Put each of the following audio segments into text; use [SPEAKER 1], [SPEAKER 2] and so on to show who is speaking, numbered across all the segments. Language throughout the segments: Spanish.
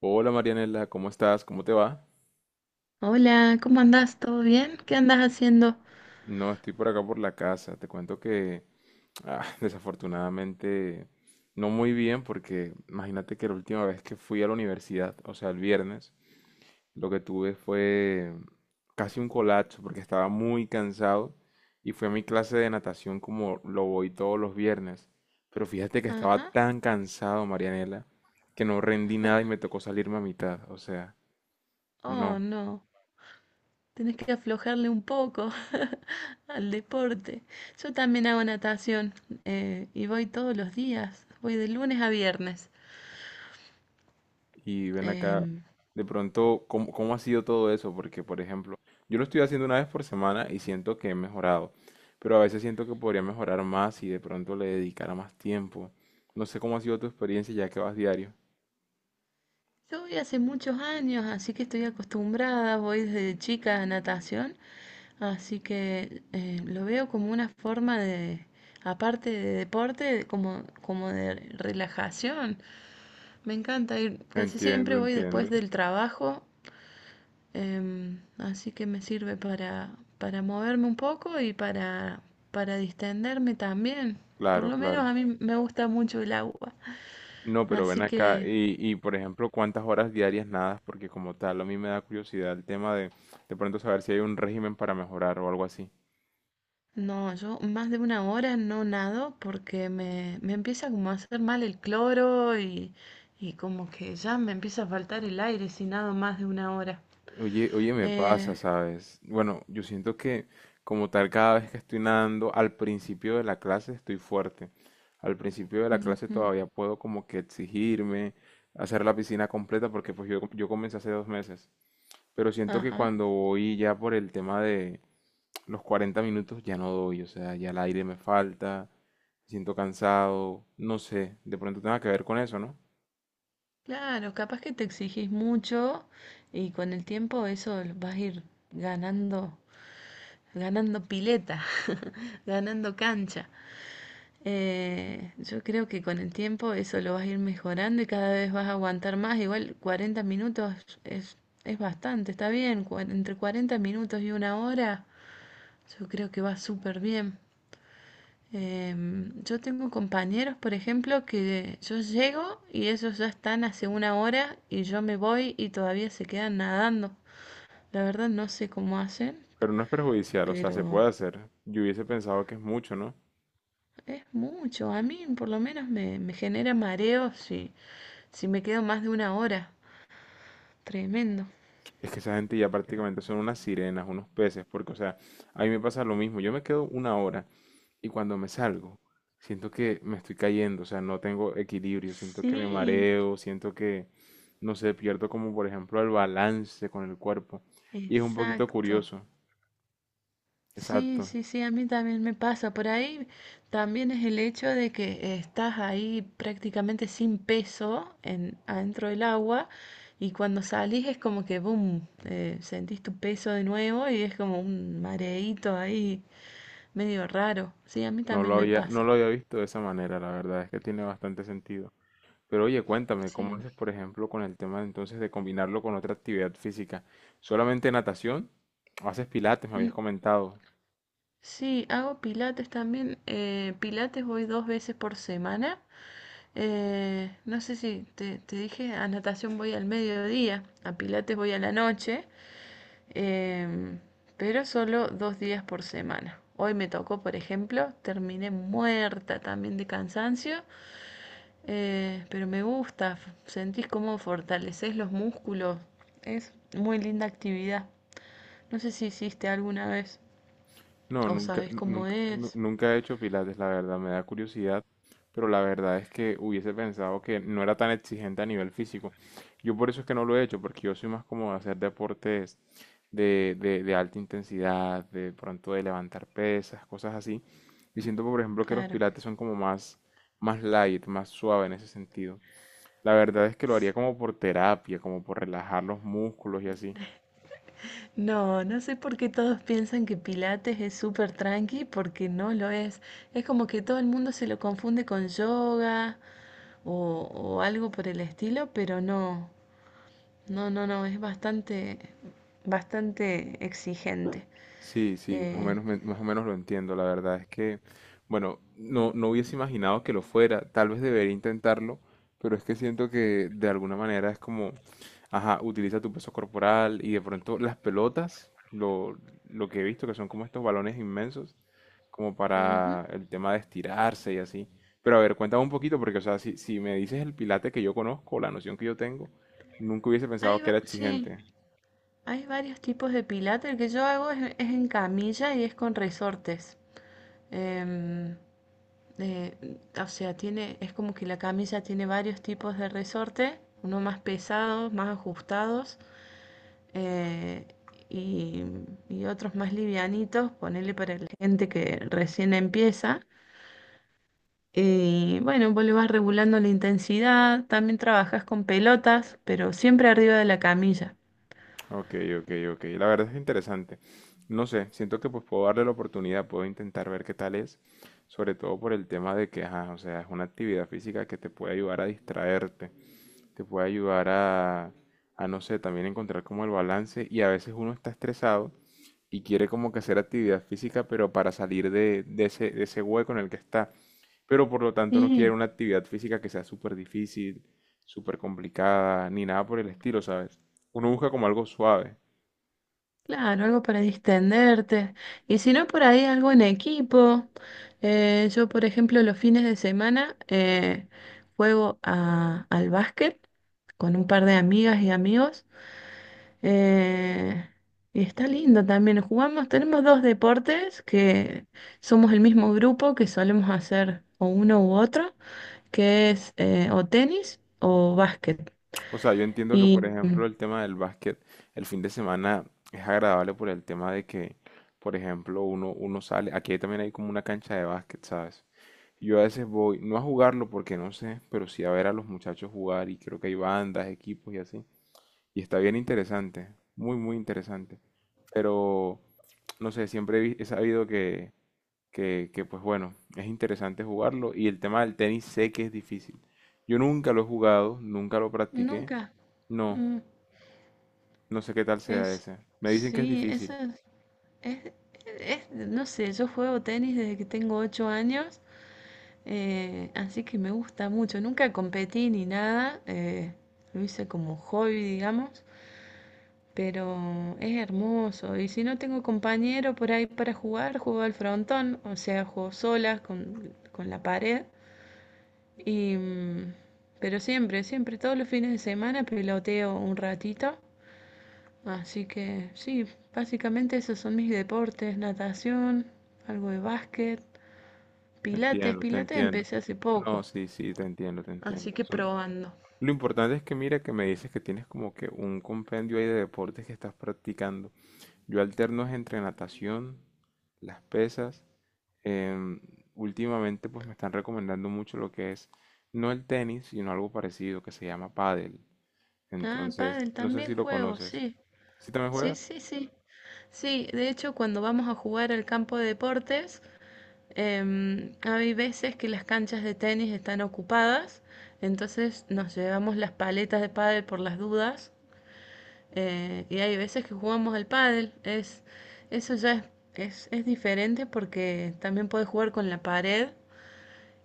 [SPEAKER 1] Hola Marianela, ¿cómo estás? ¿Cómo te va?
[SPEAKER 2] Hola, ¿cómo andás? ¿Todo bien? ¿Qué andás haciendo?
[SPEAKER 1] No, estoy por acá por la casa. Te cuento que ah, desafortunadamente no muy bien porque imagínate que la última vez que fui a la universidad, o sea, el viernes, lo que tuve fue casi un colapso porque estaba muy cansado y fui a mi clase de natación como lo voy todos los viernes. Pero fíjate que estaba
[SPEAKER 2] Ajá.
[SPEAKER 1] tan cansado, Marianela, que no rendí nada y me tocó salirme a mitad. O sea,
[SPEAKER 2] Oh,
[SPEAKER 1] no.
[SPEAKER 2] no. Tenés que aflojarle un poco al deporte. Yo también hago natación y voy todos los días. Voy de lunes a viernes.
[SPEAKER 1] Y ven acá,
[SPEAKER 2] Em,
[SPEAKER 1] de pronto, ¿cómo ha sido todo eso? Porque, por ejemplo, yo lo estoy haciendo una vez por semana y siento que he mejorado, pero a veces siento que podría mejorar más y de pronto le dedicara más tiempo. No sé cómo ha sido tu experiencia ya que vas diario.
[SPEAKER 2] yo voy hace muchos años, así que estoy acostumbrada. Voy desde chica a natación. Así que lo veo como una forma de, aparte de deporte, como de relajación. Me encanta ir, casi siempre
[SPEAKER 1] Entiendo,
[SPEAKER 2] voy después
[SPEAKER 1] entiendo.
[SPEAKER 2] del trabajo, así que me sirve para moverme un poco y para distenderme también. Por
[SPEAKER 1] Claro,
[SPEAKER 2] lo
[SPEAKER 1] claro.
[SPEAKER 2] menos a mí me gusta mucho el agua,
[SPEAKER 1] No, pero ven
[SPEAKER 2] así
[SPEAKER 1] acá
[SPEAKER 2] que
[SPEAKER 1] y, por ejemplo, ¿cuántas horas diarias nadas? Porque como tal, a mí me da curiosidad el tema de pronto saber si hay un régimen para mejorar o algo así.
[SPEAKER 2] no, yo más de 1 hora no nado porque me empieza como a hacer mal el cloro y como que ya me empieza a faltar el aire si nado más de 1 hora.
[SPEAKER 1] Oye, oye, me
[SPEAKER 2] Eh,
[SPEAKER 1] pasa, ¿sabes? Bueno, yo siento que como tal cada vez que estoy nadando, al principio de la clase estoy fuerte. Al principio de la clase
[SPEAKER 2] Ujú,
[SPEAKER 1] todavía puedo como que exigirme, hacer la piscina completa, porque pues yo comencé hace 2 meses. Pero siento que
[SPEAKER 2] ajá.
[SPEAKER 1] cuando voy ya por el tema de los 40 minutos ya no doy, o sea, ya el aire me falta, me siento cansado, no sé, de pronto tenga que ver con eso, ¿no?
[SPEAKER 2] Claro, capaz que te exigís mucho y con el tiempo eso lo vas a ir ganando, ganando pileta, ganando cancha. Yo creo que con el tiempo eso lo vas a ir mejorando y cada vez vas a aguantar más. Igual 40 minutos es, es bastante, está bien. Entre 40 minutos y 1 hora, yo creo que va súper bien. Yo tengo compañeros, por ejemplo, que yo llego y ellos ya están hace 1 hora y yo me voy y todavía se quedan nadando. La verdad no sé cómo hacen,
[SPEAKER 1] Pero no es perjudicial, o sea, se
[SPEAKER 2] pero
[SPEAKER 1] puede hacer. Yo hubiese pensado que es mucho, ¿no?
[SPEAKER 2] es mucho. A mí por lo menos me genera mareo si me quedo más de 1 hora. Tremendo.
[SPEAKER 1] Es que esa gente ya prácticamente son unas sirenas, unos peces, porque, o sea, a mí me pasa lo mismo. Yo me quedo una hora y cuando me salgo, siento que me estoy cayendo, o sea, no tengo equilibrio, siento que me
[SPEAKER 2] Sí,
[SPEAKER 1] mareo, siento que, no sé, pierdo como, por ejemplo, el balance con el cuerpo. Y es un poquito
[SPEAKER 2] exacto.
[SPEAKER 1] curioso.
[SPEAKER 2] Sí,
[SPEAKER 1] Exacto.
[SPEAKER 2] sí, sí, a mí también me pasa. Por ahí también es el hecho de que estás ahí prácticamente sin peso adentro del agua y cuando salís es como que, boom, sentís tu peso de nuevo y es como un mareíto ahí medio raro. Sí, a mí
[SPEAKER 1] No
[SPEAKER 2] también
[SPEAKER 1] lo
[SPEAKER 2] me
[SPEAKER 1] había, no
[SPEAKER 2] pasa.
[SPEAKER 1] lo había visto de esa manera, la verdad, es que tiene bastante sentido. Pero oye, cuéntame, ¿cómo
[SPEAKER 2] Sí.
[SPEAKER 1] haces, por ejemplo, con el tema entonces de combinarlo con otra actividad física? ¿Solamente natación? ¿O haces pilates? Me habías
[SPEAKER 2] Mm,
[SPEAKER 1] comentado.
[SPEAKER 2] Sí, hago pilates también. Pilates voy 2 veces por semana. No sé si te dije, a natación voy al mediodía, a pilates voy a la noche. Em, pero solo 2 días por semana. Hoy me tocó, por ejemplo, terminé muerta también de cansancio, pero me gusta, sentís cómo fortaleces los músculos. Es muy linda actividad. No sé si hiciste alguna vez
[SPEAKER 1] No,
[SPEAKER 2] o
[SPEAKER 1] nunca,
[SPEAKER 2] sabes
[SPEAKER 1] nu-
[SPEAKER 2] cómo
[SPEAKER 1] nunca, nu-
[SPEAKER 2] es.
[SPEAKER 1] nunca he hecho pilates, la verdad, me da curiosidad, pero la verdad es que hubiese pensado que no era tan exigente a nivel físico. Yo por eso es que no lo he hecho, porque yo soy más como de hacer deportes de alta intensidad, de pronto de levantar pesas, cosas así. Y siento, por ejemplo, que los
[SPEAKER 2] Claro.
[SPEAKER 1] pilates son como más light, más suave en ese sentido. La verdad es que lo haría como por terapia, como por relajar los músculos y así.
[SPEAKER 2] No, no sé por qué todos piensan que Pilates es súper tranqui, porque no lo es. Es como que todo el mundo se lo confunde con yoga o, o algo por el estilo, pero no. No, no, no, es bastante, bastante exigente.
[SPEAKER 1] Sí, sí, más o
[SPEAKER 2] Eh,
[SPEAKER 1] menos, me- más o menos lo entiendo. La verdad es que, bueno, no, no hubiese imaginado que lo fuera. Tal vez debería intentarlo, pero es que siento que de alguna manera es como, ajá, utiliza tu peso corporal y de pronto las pelotas, lo que he visto que son como estos balones inmensos, como
[SPEAKER 2] Ujú.
[SPEAKER 1] para el tema de estirarse y así. Pero a ver, cuéntame un poquito, porque, o sea, si me dices el Pilates que yo conozco, la noción que yo tengo, nunca hubiese pensado que era
[SPEAKER 2] Sí,
[SPEAKER 1] exigente.
[SPEAKER 2] hay varios tipos de pilates. El que yo hago es en camilla y es con resortes. Em, eh, o sea, es como que la camilla tiene varios tipos de resorte, unos más pesados, más ajustados eh, y, y otros más livianitos, ponerle para la gente que recién empieza. Bueno, vos le vas regulando la intensidad, también trabajas con pelotas, pero siempre arriba de la camilla.
[SPEAKER 1] Ok, ok, ok. La verdad es interesante. No sé, siento que pues puedo darle la oportunidad, puedo intentar ver qué tal es, sobre todo por el tema de que, ajá, o sea, es una actividad física que te puede ayudar a distraerte, te puede ayudar a no sé, también encontrar como el balance y a veces uno está estresado y quiere como que hacer actividad física, pero para salir de ese hueco en el que está. Pero por lo tanto no quiere
[SPEAKER 2] Y
[SPEAKER 1] una actividad física que sea súper difícil, súper complicada, ni nada por el estilo, ¿sabes? Uno busca como algo suave.
[SPEAKER 2] claro, algo para distenderte. Y si no, por ahí algo en equipo. Yo, por ejemplo, los fines de semana juego al básquet con un par de amigas y amigos. eh, y está lindo también. Jugamos, tenemos dos deportes que somos el mismo grupo que solemos hacer o uno u otro, que es o tenis o básquet.
[SPEAKER 1] O sea, yo entiendo que, por
[SPEAKER 2] Y
[SPEAKER 1] ejemplo, el tema del básquet, el fin de semana es agradable por el tema de que, por ejemplo, uno sale, aquí también hay como una cancha de básquet, ¿sabes? Yo a veces voy, no a jugarlo porque no sé, pero sí a ver a los muchachos jugar y creo que hay bandas, equipos y así. Y está bien interesante, muy, muy interesante. Pero, no sé, siempre he sabido que, pues bueno, es interesante jugarlo. Y el tema del tenis sé que es difícil. Yo nunca lo he jugado, nunca lo practiqué.
[SPEAKER 2] nunca.
[SPEAKER 1] No,
[SPEAKER 2] mm,
[SPEAKER 1] no sé qué tal sea
[SPEAKER 2] es,
[SPEAKER 1] ese. Me dicen que es
[SPEAKER 2] sí, eso
[SPEAKER 1] difícil.
[SPEAKER 2] es- es- no sé, yo juego tenis desde que tengo 8 años, así que me gusta mucho. Nunca competí ni nada, lo hice como hobby, digamos, pero es hermoso. Y si no tengo compañero por ahí para jugar, juego al frontón, o sea, juego sola con la pared. Y, pero siempre, siempre, todos los fines de semana peloteo un ratito. Así que sí, básicamente esos son mis deportes, natación, algo de básquet,
[SPEAKER 1] Te
[SPEAKER 2] pilates,
[SPEAKER 1] entiendo, te
[SPEAKER 2] pilates
[SPEAKER 1] entiendo.
[SPEAKER 2] empecé hace
[SPEAKER 1] No,
[SPEAKER 2] poco,
[SPEAKER 1] sí, sí, te entiendo, te
[SPEAKER 2] así
[SPEAKER 1] entiendo.
[SPEAKER 2] que
[SPEAKER 1] Son...
[SPEAKER 2] probando.
[SPEAKER 1] Lo importante es que mira que me dices que tienes como que un compendio ahí de deportes que estás practicando. Yo alterno es entre natación, las pesas. em, Últimamente pues me están recomendando mucho lo que es, no el tenis, sino algo parecido que se llama pádel.
[SPEAKER 2] Ah,
[SPEAKER 1] Entonces,
[SPEAKER 2] pádel
[SPEAKER 1] no sé
[SPEAKER 2] también
[SPEAKER 1] si lo
[SPEAKER 2] juego,
[SPEAKER 1] conoces.
[SPEAKER 2] sí.
[SPEAKER 1] ¿Sí también
[SPEAKER 2] Sí,
[SPEAKER 1] juegas?
[SPEAKER 2] sí, sí. Sí, de hecho cuando vamos a jugar al campo de deportes, hay veces que las canchas de tenis están ocupadas, entonces nos llevamos las paletas de pádel por las dudas, y hay veces que jugamos al pádel. Eso ya es diferente porque también puedes jugar con la pared,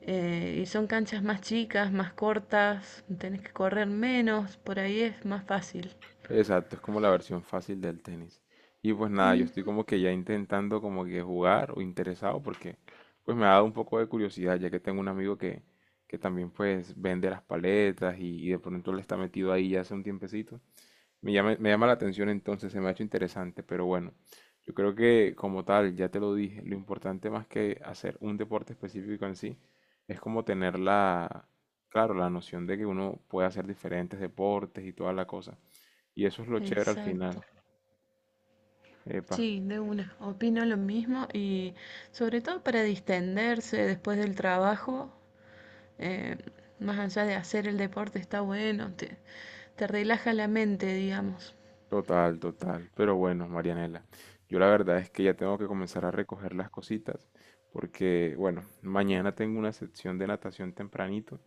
[SPEAKER 2] y son canchas más chicas, más cortas, tenés que correr menos, por ahí es más fácil.
[SPEAKER 1] Exacto, es como la versión fácil del tenis. Y pues nada, yo estoy
[SPEAKER 2] Ujú,
[SPEAKER 1] como que ya intentando como que jugar o interesado porque pues me ha dado un poco de curiosidad ya que tengo un amigo que también pues vende las paletas y de pronto le está metido ahí ya hace un tiempecito. Me llama la atención entonces, se me ha hecho interesante, pero bueno, yo creo que como tal, ya te lo dije, lo importante más que hacer un deporte específico en sí, es como tener la, claro, la noción de que uno puede hacer diferentes deportes y toda la cosa. Y eso es lo chévere al
[SPEAKER 2] exacto.
[SPEAKER 1] final. Epa,
[SPEAKER 2] Sí, de una. Opino lo mismo y sobre todo para distenderse después del trabajo, eh, más allá de hacer el deporte está bueno, te relaja la mente, digamos.
[SPEAKER 1] total, total. Pero bueno, Marianela, yo la verdad es que ya tengo que comenzar a recoger las cositas, porque bueno, mañana tengo una sección de natación tempranito.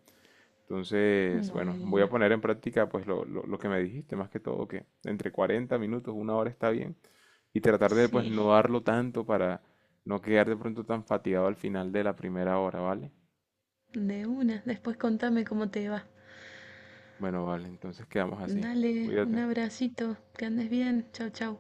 [SPEAKER 1] Entonces, bueno, voy a
[SPEAKER 2] Bueno,
[SPEAKER 1] poner en práctica pues lo que me dijiste, más que todo que entre 40 minutos, una hora está bien, y tratar de pues
[SPEAKER 2] sí.
[SPEAKER 1] no darlo tanto para no quedar de pronto tan fatigado al final de la primera hora, ¿vale?
[SPEAKER 2] De una, después contame cómo te va.
[SPEAKER 1] Bueno, vale, entonces quedamos así.
[SPEAKER 2] Dale, un
[SPEAKER 1] Cuídate.
[SPEAKER 2] abracito, que andes bien, chau chau.